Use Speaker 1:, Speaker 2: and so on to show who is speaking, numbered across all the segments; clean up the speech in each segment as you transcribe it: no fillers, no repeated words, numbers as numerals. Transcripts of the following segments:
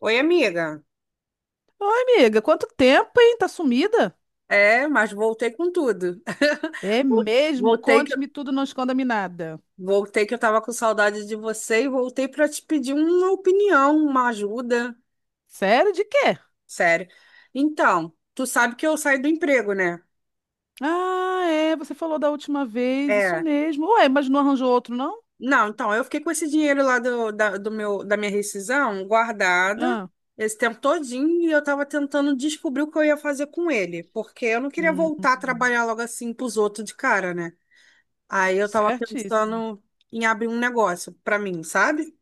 Speaker 1: Oi, amiga.
Speaker 2: Oi, amiga, quanto tempo, hein? Tá sumida?
Speaker 1: É, mas voltei com tudo.
Speaker 2: É
Speaker 1: Vol-
Speaker 2: mesmo?
Speaker 1: Voltei que,
Speaker 2: Conte-me tudo, não esconda-me nada.
Speaker 1: voltei que eu tava com saudade de você e voltei para te pedir uma opinião, uma ajuda.
Speaker 2: Sério, de quê?
Speaker 1: Sério. Então, tu sabe que eu saí do emprego, né?
Speaker 2: Ah, é, você falou da última vez, isso
Speaker 1: É.
Speaker 2: mesmo. Ué, mas não arranjou outro, não?
Speaker 1: Não, então, eu fiquei com esse dinheiro lá do, da, do meu, da minha rescisão guardada
Speaker 2: Ah,
Speaker 1: esse tempo todinho e eu tava tentando descobrir o que eu ia fazer com ele, porque eu não queria
Speaker 2: hum,
Speaker 1: voltar a trabalhar logo assim pros outros de cara, né? Aí eu tava
Speaker 2: certíssimo.
Speaker 1: pensando em abrir um negócio pra mim, sabe?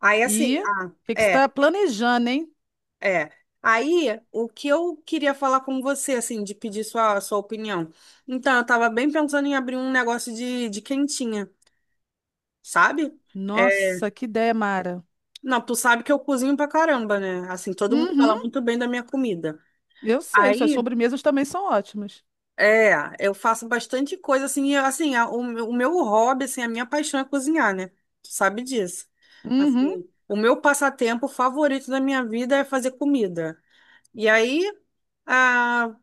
Speaker 1: Aí assim,
Speaker 2: E o que que você
Speaker 1: é,
Speaker 2: está planejando, hein?
Speaker 1: é. Aí o que eu queria falar com você, assim, de pedir sua opinião. Então, eu tava bem pensando em abrir um negócio de quentinha, sabe? É,
Speaker 2: Nossa, que ideia, Mara.
Speaker 1: não, tu sabe que eu cozinho pra caramba, né? Assim, todo mundo
Speaker 2: Uhum,
Speaker 1: fala muito bem da minha comida.
Speaker 2: eu sei, suas
Speaker 1: Aí
Speaker 2: sobremesas também são ótimas.
Speaker 1: é, eu faço bastante coisa assim, e, assim, o meu hobby, assim, a minha paixão é cozinhar, né? Tu sabe disso.
Speaker 2: Uhum,
Speaker 1: Assim, o meu passatempo favorito da minha vida é fazer comida. E aí, ah,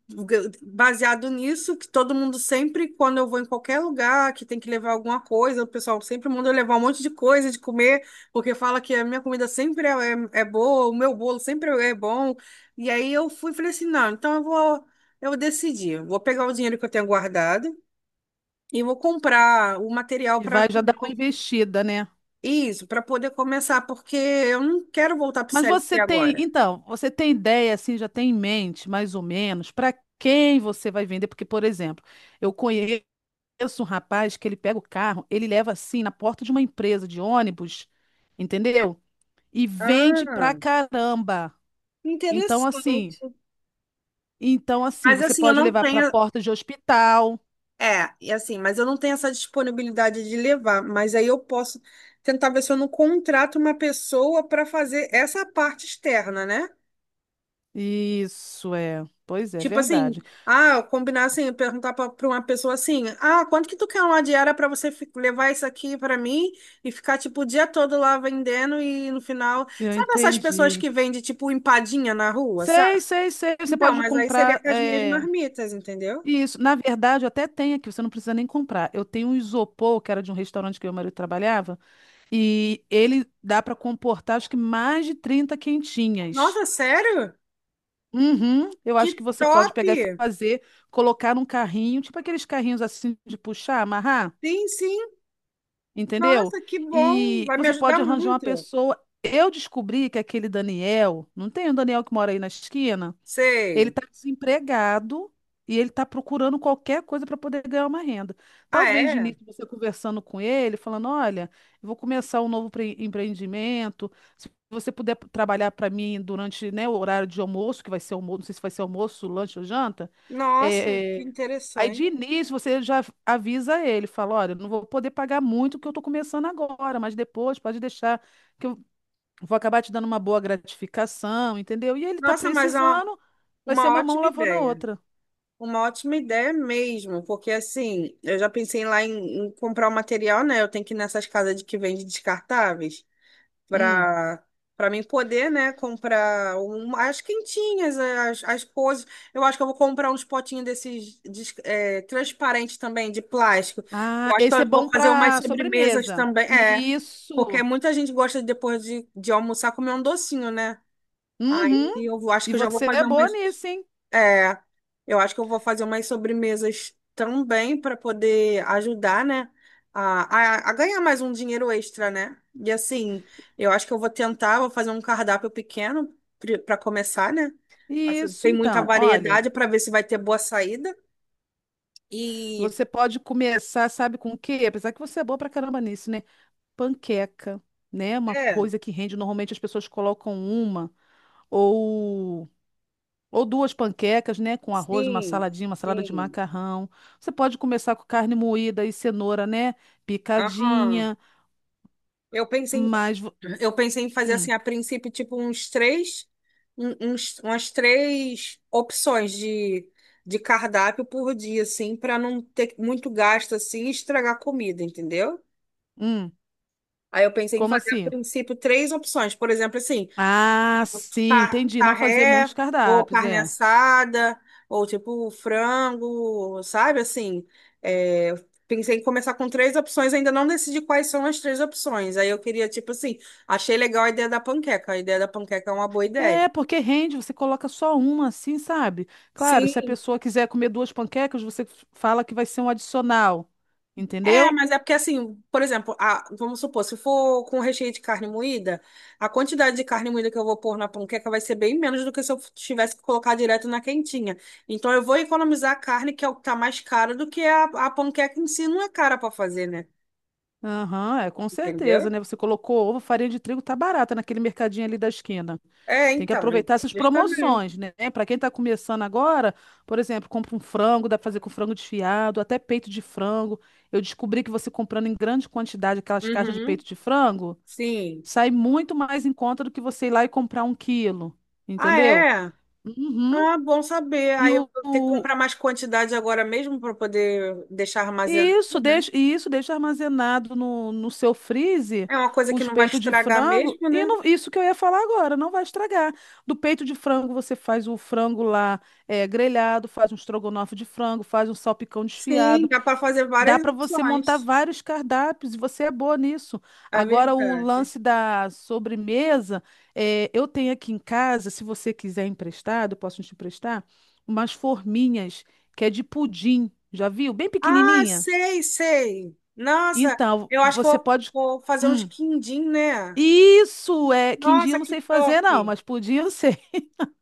Speaker 1: baseado nisso, que todo mundo sempre, quando eu vou em qualquer lugar que tem que levar alguma coisa, o pessoal sempre manda eu levar um monte de coisa de comer, porque fala que a minha comida sempre é boa, o meu bolo sempre é bom. E aí eu fui e falei assim: não, então eu vou, eu decidi, vou pegar o dinheiro que eu tenho guardado e vou comprar o material
Speaker 2: e
Speaker 1: para
Speaker 2: vai já dar uma investida, né?
Speaker 1: isso, para poder começar, porque eu não quero voltar para o
Speaker 2: Mas
Speaker 1: CLT
Speaker 2: você tem,
Speaker 1: agora.
Speaker 2: então, você tem ideia, assim, já tem em mente, mais ou menos, para quem você vai vender? Porque, por exemplo, eu conheço um rapaz que ele pega o carro, ele leva assim na porta de uma empresa de ônibus, entendeu? E vende
Speaker 1: Ah,
Speaker 2: pra caramba. Então, assim,
Speaker 1: interessante.
Speaker 2: então, assim,
Speaker 1: Mas
Speaker 2: você
Speaker 1: assim, eu
Speaker 2: pode
Speaker 1: não
Speaker 2: levar pra
Speaker 1: tenho.
Speaker 2: porta de hospital.
Speaker 1: É, e assim, mas eu não tenho essa disponibilidade de levar, mas aí eu posso tentar ver se eu não contrato uma pessoa para fazer essa parte externa, né?
Speaker 2: Isso é, pois é, é
Speaker 1: Tipo assim,
Speaker 2: verdade.
Speaker 1: combinar assim, perguntar para uma pessoa assim: "Ah, quanto que tu quer uma diária para você levar isso aqui para mim e ficar tipo o dia todo lá vendendo e no final,
Speaker 2: Eu
Speaker 1: sabe essas pessoas
Speaker 2: entendi.
Speaker 1: que vendem tipo empadinha na rua, sabe?
Speaker 2: Sei, sei, sei. Você
Speaker 1: Então,
Speaker 2: pode
Speaker 1: mas aí seria
Speaker 2: comprar.
Speaker 1: com as minhas
Speaker 2: É,
Speaker 1: marmitas, entendeu?
Speaker 2: isso, na verdade, eu até tenho aqui, você não precisa nem comprar. Eu tenho um isopor, que era de um restaurante que meu marido trabalhava, e ele dá para comportar acho que mais de 30 quentinhas.
Speaker 1: Nossa, sério?
Speaker 2: Uhum, eu
Speaker 1: Que
Speaker 2: acho que você pode
Speaker 1: top!
Speaker 2: pegar e fazer, colocar num carrinho, tipo aqueles carrinhos assim de puxar, amarrar,
Speaker 1: Sim, sim.
Speaker 2: entendeu?
Speaker 1: Nossa, que bom!
Speaker 2: E
Speaker 1: Vai me
Speaker 2: você
Speaker 1: ajudar
Speaker 2: pode arranjar uma
Speaker 1: muito.
Speaker 2: pessoa. Eu descobri que aquele Daniel, não tem um Daniel que mora aí na esquina? Ele
Speaker 1: Sei.
Speaker 2: está desempregado e ele está procurando qualquer coisa para poder ganhar uma renda.
Speaker 1: Ah,
Speaker 2: Talvez de
Speaker 1: é?
Speaker 2: início você conversando com ele, falando: olha, eu vou começar um novo empreendimento. Se você puder trabalhar para mim durante, né, o horário de almoço, que vai ser almoço, não sei se vai ser almoço, lanche ou janta.
Speaker 1: Nossa,
Speaker 2: É,
Speaker 1: que
Speaker 2: é, aí de
Speaker 1: interessante.
Speaker 2: início você já avisa ele, fala: olha, eu não vou poder pagar muito porque eu estou começando agora, mas depois pode deixar que eu vou acabar te dando uma boa gratificação, entendeu? E ele tá
Speaker 1: Nossa, mas é uma,
Speaker 2: precisando, vai ser
Speaker 1: uma
Speaker 2: uma mão
Speaker 1: ótima
Speaker 2: lavando a
Speaker 1: ideia.
Speaker 2: outra.
Speaker 1: Uma ótima ideia mesmo, porque assim, eu já pensei lá em comprar o material, né? Eu tenho que ir nessas casas de que vende descartáveis,
Speaker 2: Hum.
Speaker 1: para para mim poder, né, comprar as quentinhas, as coisas. Eu acho que eu vou comprar uns potinhos desses transparentes também, de plástico. Eu
Speaker 2: Ah,
Speaker 1: acho que
Speaker 2: esse
Speaker 1: eu
Speaker 2: é bom
Speaker 1: vou fazer umas
Speaker 2: para
Speaker 1: sobremesas
Speaker 2: sobremesa.
Speaker 1: também. É, porque
Speaker 2: Isso.
Speaker 1: muita gente gosta depois de almoçar comer um docinho, né? Aí
Speaker 2: Uhum.
Speaker 1: eu acho
Speaker 2: E
Speaker 1: que eu já vou
Speaker 2: você é
Speaker 1: fazer
Speaker 2: boa
Speaker 1: umas.
Speaker 2: nisso, hein?
Speaker 1: É, eu acho que eu vou fazer umas sobremesas também para poder ajudar, né? A ganhar mais um dinheiro extra, né? E assim, eu acho que eu vou tentar, vou fazer um cardápio pequeno para começar, né? Assim,
Speaker 2: Isso,
Speaker 1: sem muita
Speaker 2: então, olha,
Speaker 1: variedade para ver se vai ter boa saída. E
Speaker 2: você pode começar, sabe com o quê? Apesar que você é boa pra caramba nisso, né? Panqueca, né? Uma
Speaker 1: é,
Speaker 2: coisa que rende, normalmente as pessoas colocam uma ou Ou duas panquecas, né? Com arroz, uma
Speaker 1: sim,
Speaker 2: saladinha, uma salada de
Speaker 1: sim.
Speaker 2: macarrão. Você pode começar com carne moída e cenoura, né?
Speaker 1: Aham.
Speaker 2: Picadinha.
Speaker 1: Eu pensei em
Speaker 2: Mas. vo-
Speaker 1: Eu pensei em fazer
Speaker 2: Hum,
Speaker 1: assim, a princípio, tipo, uns três, um- uns, umas três opções de cardápio por dia, assim, para não ter muito gasto assim e estragar a comida, entendeu?
Speaker 2: hum,
Speaker 1: Aí eu pensei em
Speaker 2: como
Speaker 1: fazer a
Speaker 2: assim?
Speaker 1: princípio três opções. Por exemplo, assim,
Speaker 2: Ah, sim, entendi. Não fazer
Speaker 1: Carré,
Speaker 2: muitos
Speaker 1: ou
Speaker 2: cardápios,
Speaker 1: carne
Speaker 2: é.
Speaker 1: assada, ou tipo frango, sabe? Assim, é, pensei em começar com três opções, ainda não decidi quais são as três opções. Aí eu queria, tipo assim, achei legal a ideia da panqueca. A ideia da panqueca é uma boa ideia.
Speaker 2: É, porque rende, você coloca só uma, assim, sabe? Claro, se a
Speaker 1: Sim,
Speaker 2: pessoa quiser comer duas panquecas, você fala que vai ser um adicional.
Speaker 1: é,
Speaker 2: Entendeu?
Speaker 1: mas é porque assim, por exemplo, vamos supor, se for com recheio de carne moída, a quantidade de carne moída que eu vou pôr na panqueca vai ser bem menos do que se eu tivesse que colocar direto na quentinha. Então eu vou economizar a carne, que é o que tá mais caro, do que a panqueca em si não é cara para fazer, né?
Speaker 2: Aham, é, com certeza,
Speaker 1: Entendeu?
Speaker 2: né? Você colocou ovo, farinha de trigo, tá barata naquele mercadinho ali da esquina.
Speaker 1: É,
Speaker 2: Tem que
Speaker 1: então,
Speaker 2: aproveitar essas
Speaker 1: justamente.
Speaker 2: promoções, né? Para quem está começando agora, por exemplo, compra um frango, dá para fazer com frango desfiado, até peito de frango. Eu descobri que você comprando em grande quantidade aquelas caixas de
Speaker 1: Uhum,
Speaker 2: peito de frango,
Speaker 1: sim.
Speaker 2: sai muito mais em conta do que você ir lá e comprar um quilo,
Speaker 1: Ah,
Speaker 2: entendeu?
Speaker 1: é?
Speaker 2: Uhum.
Speaker 1: Ah, bom saber.
Speaker 2: E
Speaker 1: Aí
Speaker 2: o,
Speaker 1: eu vou ter que
Speaker 2: o,
Speaker 1: comprar mais quantidade agora mesmo para poder deixar armazenado,
Speaker 2: isso,
Speaker 1: né?
Speaker 2: deixa, e isso deixa armazenado no, seu freezer
Speaker 1: É uma coisa que
Speaker 2: os
Speaker 1: não vai
Speaker 2: peitos de
Speaker 1: estragar
Speaker 2: frango.
Speaker 1: mesmo,
Speaker 2: E
Speaker 1: né?
Speaker 2: não- isso que eu ia falar agora, não vai estragar. Do peito de frango, você faz o frango lá grelhado, faz um estrogonofe de frango, faz um salpicão
Speaker 1: Sim,
Speaker 2: desfiado.
Speaker 1: dá para fazer
Speaker 2: Dá
Speaker 1: várias
Speaker 2: para você montar
Speaker 1: opções.
Speaker 2: vários cardápios e você é boa nisso.
Speaker 1: É
Speaker 2: Agora, o
Speaker 1: verdade.
Speaker 2: lance da sobremesa, eu tenho aqui em casa, se você quiser emprestado, eu posso te emprestar, umas forminhas que é de pudim. Já viu? Bem
Speaker 1: Ah,
Speaker 2: pequenininha.
Speaker 1: sei, sei. Nossa,
Speaker 2: Então,
Speaker 1: eu acho que eu
Speaker 2: você
Speaker 1: vou,
Speaker 2: pode.
Speaker 1: vou fazer uns
Speaker 2: Hum.
Speaker 1: quindim, né?
Speaker 2: Isso é. Quindim
Speaker 1: Nossa,
Speaker 2: eu não
Speaker 1: que
Speaker 2: sei
Speaker 1: top.
Speaker 2: fazer, não, mas pudim eu sei.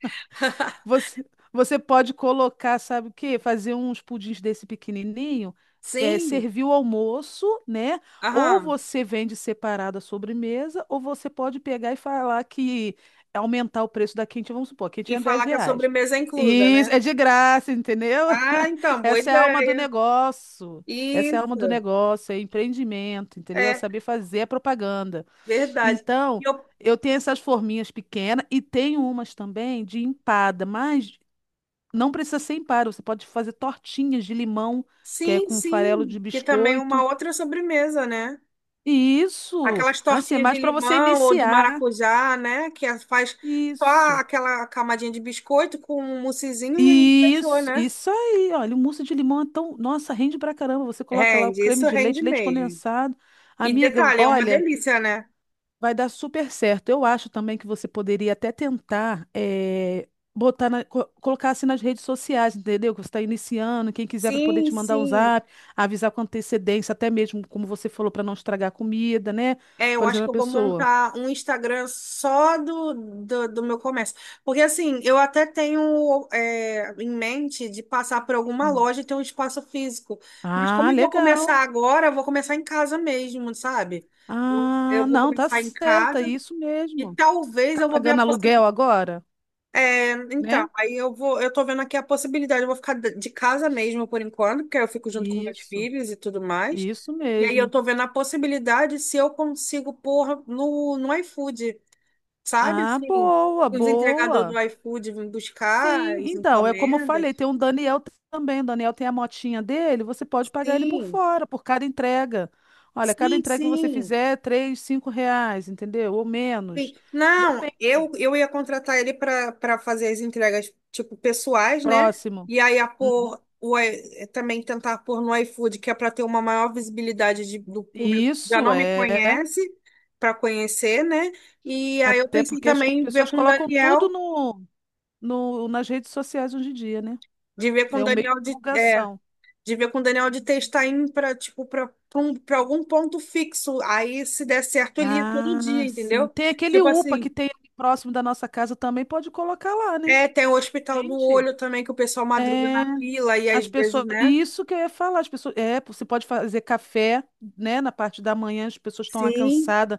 Speaker 2: Você, você pode colocar, sabe o quê? Fazer uns pudins desse pequenininho,
Speaker 1: Sim,
Speaker 2: servir o almoço, né? Ou
Speaker 1: aham.
Speaker 2: você vende separado a sobremesa, ou você pode pegar e falar que aumentar o preço da quentinha, vamos supor, a
Speaker 1: E
Speaker 2: quentinha é 10
Speaker 1: falar que a
Speaker 2: reais.
Speaker 1: sobremesa é inclusa,
Speaker 2: Isso,
Speaker 1: né?
Speaker 2: é de graça, entendeu?
Speaker 1: Ah, então, boa
Speaker 2: Essa é a alma do
Speaker 1: ideia.
Speaker 2: negócio. Essa é a alma do
Speaker 1: Isso,
Speaker 2: negócio, é empreendimento, entendeu? É
Speaker 1: é
Speaker 2: saber fazer a propaganda.
Speaker 1: verdade.
Speaker 2: Então,
Speaker 1: E eu,
Speaker 2: eu tenho essas forminhas pequenas e tenho umas também de empada, mas não precisa ser empada, você pode fazer tortinhas de limão, que é
Speaker 1: sim,
Speaker 2: com farelo
Speaker 1: sim,
Speaker 2: de
Speaker 1: que também é uma
Speaker 2: biscoito.
Speaker 1: outra sobremesa, né?
Speaker 2: Isso,
Speaker 1: Aquelas
Speaker 2: assim, é
Speaker 1: tortinhas de
Speaker 2: mais para você
Speaker 1: limão ou de
Speaker 2: iniciar.
Speaker 1: maracujá, né? Que faz só
Speaker 2: Isso.
Speaker 1: aquela camadinha de biscoito com um moussezinho e fechou,
Speaker 2: Isso,
Speaker 1: né?
Speaker 2: isso aí, olha, o mousse de limão é tão, nossa, rende pra caramba. Você coloca lá o
Speaker 1: Rende,
Speaker 2: creme
Speaker 1: isso
Speaker 2: de
Speaker 1: rende
Speaker 2: leite, leite
Speaker 1: mesmo.
Speaker 2: condensado.
Speaker 1: E
Speaker 2: Amiga,
Speaker 1: detalhe, é uma
Speaker 2: olha,
Speaker 1: delícia, né?
Speaker 2: vai dar super certo. Eu acho também que você poderia até tentar colocar assim nas redes sociais, entendeu? Que você está iniciando, quem quiser para poder
Speaker 1: Sim,
Speaker 2: te mandar um
Speaker 1: sim.
Speaker 2: zap, avisar com antecedência, até mesmo, como você falou, para não estragar a comida, né?
Speaker 1: É, eu
Speaker 2: Por
Speaker 1: acho
Speaker 2: exemplo,
Speaker 1: que
Speaker 2: a
Speaker 1: eu vou
Speaker 2: pessoa.
Speaker 1: montar um Instagram só do meu comércio. Porque, assim, eu até tenho em mente de passar por alguma
Speaker 2: Hum.
Speaker 1: loja e ter um espaço físico. Mas como
Speaker 2: Ah,
Speaker 1: eu vou
Speaker 2: legal.
Speaker 1: começar agora, eu vou começar em casa mesmo, sabe?
Speaker 2: Ah,
Speaker 1: Eu vou
Speaker 2: não, tá
Speaker 1: começar em
Speaker 2: certa,
Speaker 1: casa
Speaker 2: é isso
Speaker 1: e
Speaker 2: mesmo.
Speaker 1: talvez
Speaker 2: Tá
Speaker 1: eu vou ver a
Speaker 2: pagando aluguel
Speaker 1: possibilidade.
Speaker 2: agora, né?
Speaker 1: Então, aí eu vou, eu tô vendo aqui a possibilidade, eu vou ficar de casa mesmo por enquanto, porque eu fico junto com meus
Speaker 2: Isso,
Speaker 1: filhos e tudo mais.
Speaker 2: isso
Speaker 1: E aí eu
Speaker 2: mesmo.
Speaker 1: tô vendo a possibilidade se eu consigo pôr no iFood, sabe?
Speaker 2: Ah,
Speaker 1: Assim,
Speaker 2: boa,
Speaker 1: os entregadores
Speaker 2: boa.
Speaker 1: do iFood vêm buscar
Speaker 2: Sim,
Speaker 1: as
Speaker 2: então, é como eu
Speaker 1: encomendas.
Speaker 2: falei, tem um Daniel também, o Daniel tem a motinha dele, você pode pagar ele por
Speaker 1: Sim,
Speaker 2: fora, por cada entrega. Olha, cada
Speaker 1: sim,
Speaker 2: entrega que você
Speaker 1: sim.
Speaker 2: fizer é 3, 5 reais, entendeu? Ou
Speaker 1: Sim.
Speaker 2: menos.
Speaker 1: Não,
Speaker 2: Depende.
Speaker 1: eu ia contratar ele para fazer as entregas, tipo, pessoais, né?
Speaker 2: Próximo.
Speaker 1: E aí a pôr,
Speaker 2: Uhum.
Speaker 1: o, i- eh, também tentar pôr no iFood, que é para ter uma maior visibilidade do público que já
Speaker 2: Isso
Speaker 1: não me
Speaker 2: é,
Speaker 1: conhece, para conhecer, né? E aí eu
Speaker 2: até
Speaker 1: pensei
Speaker 2: porque as co-
Speaker 1: também em ver
Speaker 2: pessoas
Speaker 1: com o
Speaker 2: colocam tudo
Speaker 1: Daniel,
Speaker 2: no, no, nas redes sociais hoje em dia, né?
Speaker 1: de ver com o
Speaker 2: É um meio de
Speaker 1: Daniel de, é,
Speaker 2: divulgação.
Speaker 1: de ver com o Daniel de testar para tipo, para um, para algum ponto fixo. Aí, se der certo, ele ia todo dia,
Speaker 2: Ah, sim.
Speaker 1: entendeu?
Speaker 2: Tem aquele
Speaker 1: Tipo
Speaker 2: UPA que
Speaker 1: assim.
Speaker 2: tem ali próximo da nossa casa também, pode colocar lá, né?
Speaker 1: É, tem o Hospital do
Speaker 2: Gente.
Speaker 1: Olho também, que o pessoal madruga
Speaker 2: É.
Speaker 1: na fila e às
Speaker 2: As
Speaker 1: vezes,
Speaker 2: pessoas,
Speaker 1: né?
Speaker 2: e isso que eu ia falar, as pessoas, você pode fazer café, né, na parte da manhã, as pessoas estão lá
Speaker 1: Sim.
Speaker 2: cansadas,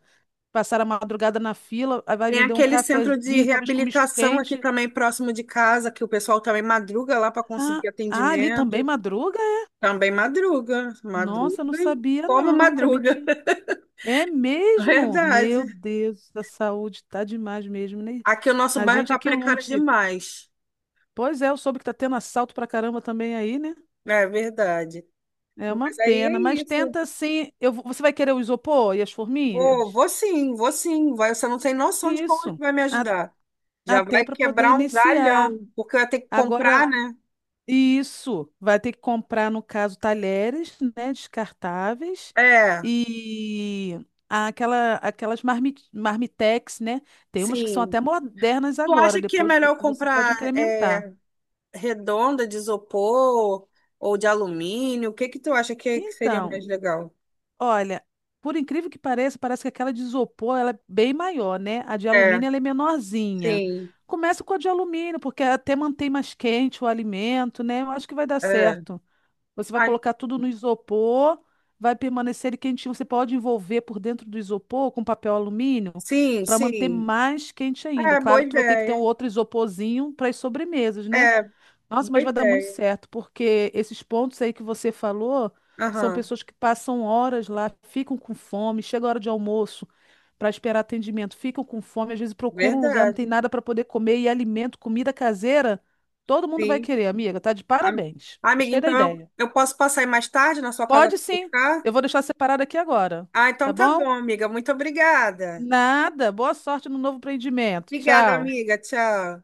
Speaker 2: passaram a madrugada na fila, aí vai
Speaker 1: Tem
Speaker 2: vender um
Speaker 1: aquele centro de
Speaker 2: cafezinho, talvez com misto
Speaker 1: reabilitação aqui
Speaker 2: quente.
Speaker 1: também, próximo de casa, que o pessoal também madruga lá para
Speaker 2: Ah,
Speaker 1: conseguir
Speaker 2: ah, ali
Speaker 1: atendimento.
Speaker 2: também madruga? É?
Speaker 1: Também madruga, madruga,
Speaker 2: Nossa, não sabia
Speaker 1: como
Speaker 2: não, para mim.
Speaker 1: madruga.
Speaker 2: É mesmo? Meu
Speaker 1: Verdade.
Speaker 2: Deus, a saúde tá demais mesmo, né?
Speaker 1: Aqui o nosso
Speaker 2: A
Speaker 1: bairro
Speaker 2: gente é
Speaker 1: está
Speaker 2: que
Speaker 1: precário
Speaker 2: lute.
Speaker 1: demais.
Speaker 2: Pois é, eu soube que tá tendo assalto pra caramba também aí, né?
Speaker 1: É verdade.
Speaker 2: É uma
Speaker 1: Mas aí
Speaker 2: pena,
Speaker 1: é
Speaker 2: mas
Speaker 1: isso.
Speaker 2: tenta sim. Você vai querer o isopor e as
Speaker 1: Vou,
Speaker 2: forminhas?
Speaker 1: vou sim, vou sim. Vai, você não tem noção de como é que
Speaker 2: Isso,
Speaker 1: vai me
Speaker 2: a-
Speaker 1: ajudar. Já
Speaker 2: até
Speaker 1: vai
Speaker 2: para poder
Speaker 1: quebrar um
Speaker 2: iniciar.
Speaker 1: galhão, porque eu ia ter que comprar,
Speaker 2: Agora,
Speaker 1: né?
Speaker 2: isso, vai ter que comprar, no caso, talheres, né, descartáveis
Speaker 1: É,
Speaker 2: e aquelas marmitex, né? Tem umas que são
Speaker 1: sim.
Speaker 2: até modernas
Speaker 1: Tu
Speaker 2: agora,
Speaker 1: acha que é
Speaker 2: depois vo-
Speaker 1: melhor
Speaker 2: você pode
Speaker 1: comprar
Speaker 2: incrementar.
Speaker 1: redonda de isopor ou de alumínio? O que que tu acha que, é que seria
Speaker 2: Então,
Speaker 1: mais legal?
Speaker 2: olha, por incrível que pareça, parece que aquela de isopor ela é bem maior, né? A de
Speaker 1: É,
Speaker 2: alumínio ela é menorzinha.
Speaker 1: sim,
Speaker 2: Começa com a de alumínio, porque até mantém mais quente o alimento, né? Eu acho que vai dar
Speaker 1: é.
Speaker 2: certo. Você vai
Speaker 1: Ah,
Speaker 2: colocar tudo no isopor, vai permanecer ele quentinho. Você pode envolver por dentro do isopor com papel alumínio
Speaker 1: sim,
Speaker 2: para manter
Speaker 1: sim.
Speaker 2: mais quente ainda.
Speaker 1: É, boa
Speaker 2: Claro que tu vai ter que ter um
Speaker 1: ideia.
Speaker 2: outro isoporzinho para as sobremesas, né?
Speaker 1: É,
Speaker 2: Nossa,
Speaker 1: boa
Speaker 2: mas vai dar muito
Speaker 1: ideia.
Speaker 2: certo, porque esses pontos aí que você falou são
Speaker 1: Aham,
Speaker 2: pessoas que passam horas lá, ficam com fome, chega a hora de almoço para esperar atendimento, ficam com fome, às vezes procuram um lugar, não tem
Speaker 1: verdade.
Speaker 2: nada para poder comer e alimento, comida caseira, todo mundo vai
Speaker 1: Sim.
Speaker 2: querer, amiga, tá de
Speaker 1: Am-
Speaker 2: parabéns.
Speaker 1: Amiga,
Speaker 2: Gostei da
Speaker 1: então eu,
Speaker 2: ideia.
Speaker 1: eu posso passar aí mais tarde na sua casa
Speaker 2: Pode
Speaker 1: para
Speaker 2: sim.
Speaker 1: ficar?
Speaker 2: Eu vou deixar separado aqui agora,
Speaker 1: Ah, então
Speaker 2: tá
Speaker 1: tá bom,
Speaker 2: bom?
Speaker 1: amiga. Muito obrigada.
Speaker 2: Nada. Boa sorte no novo empreendimento.
Speaker 1: Obrigada,
Speaker 2: Tchau.
Speaker 1: amiga. Tchau.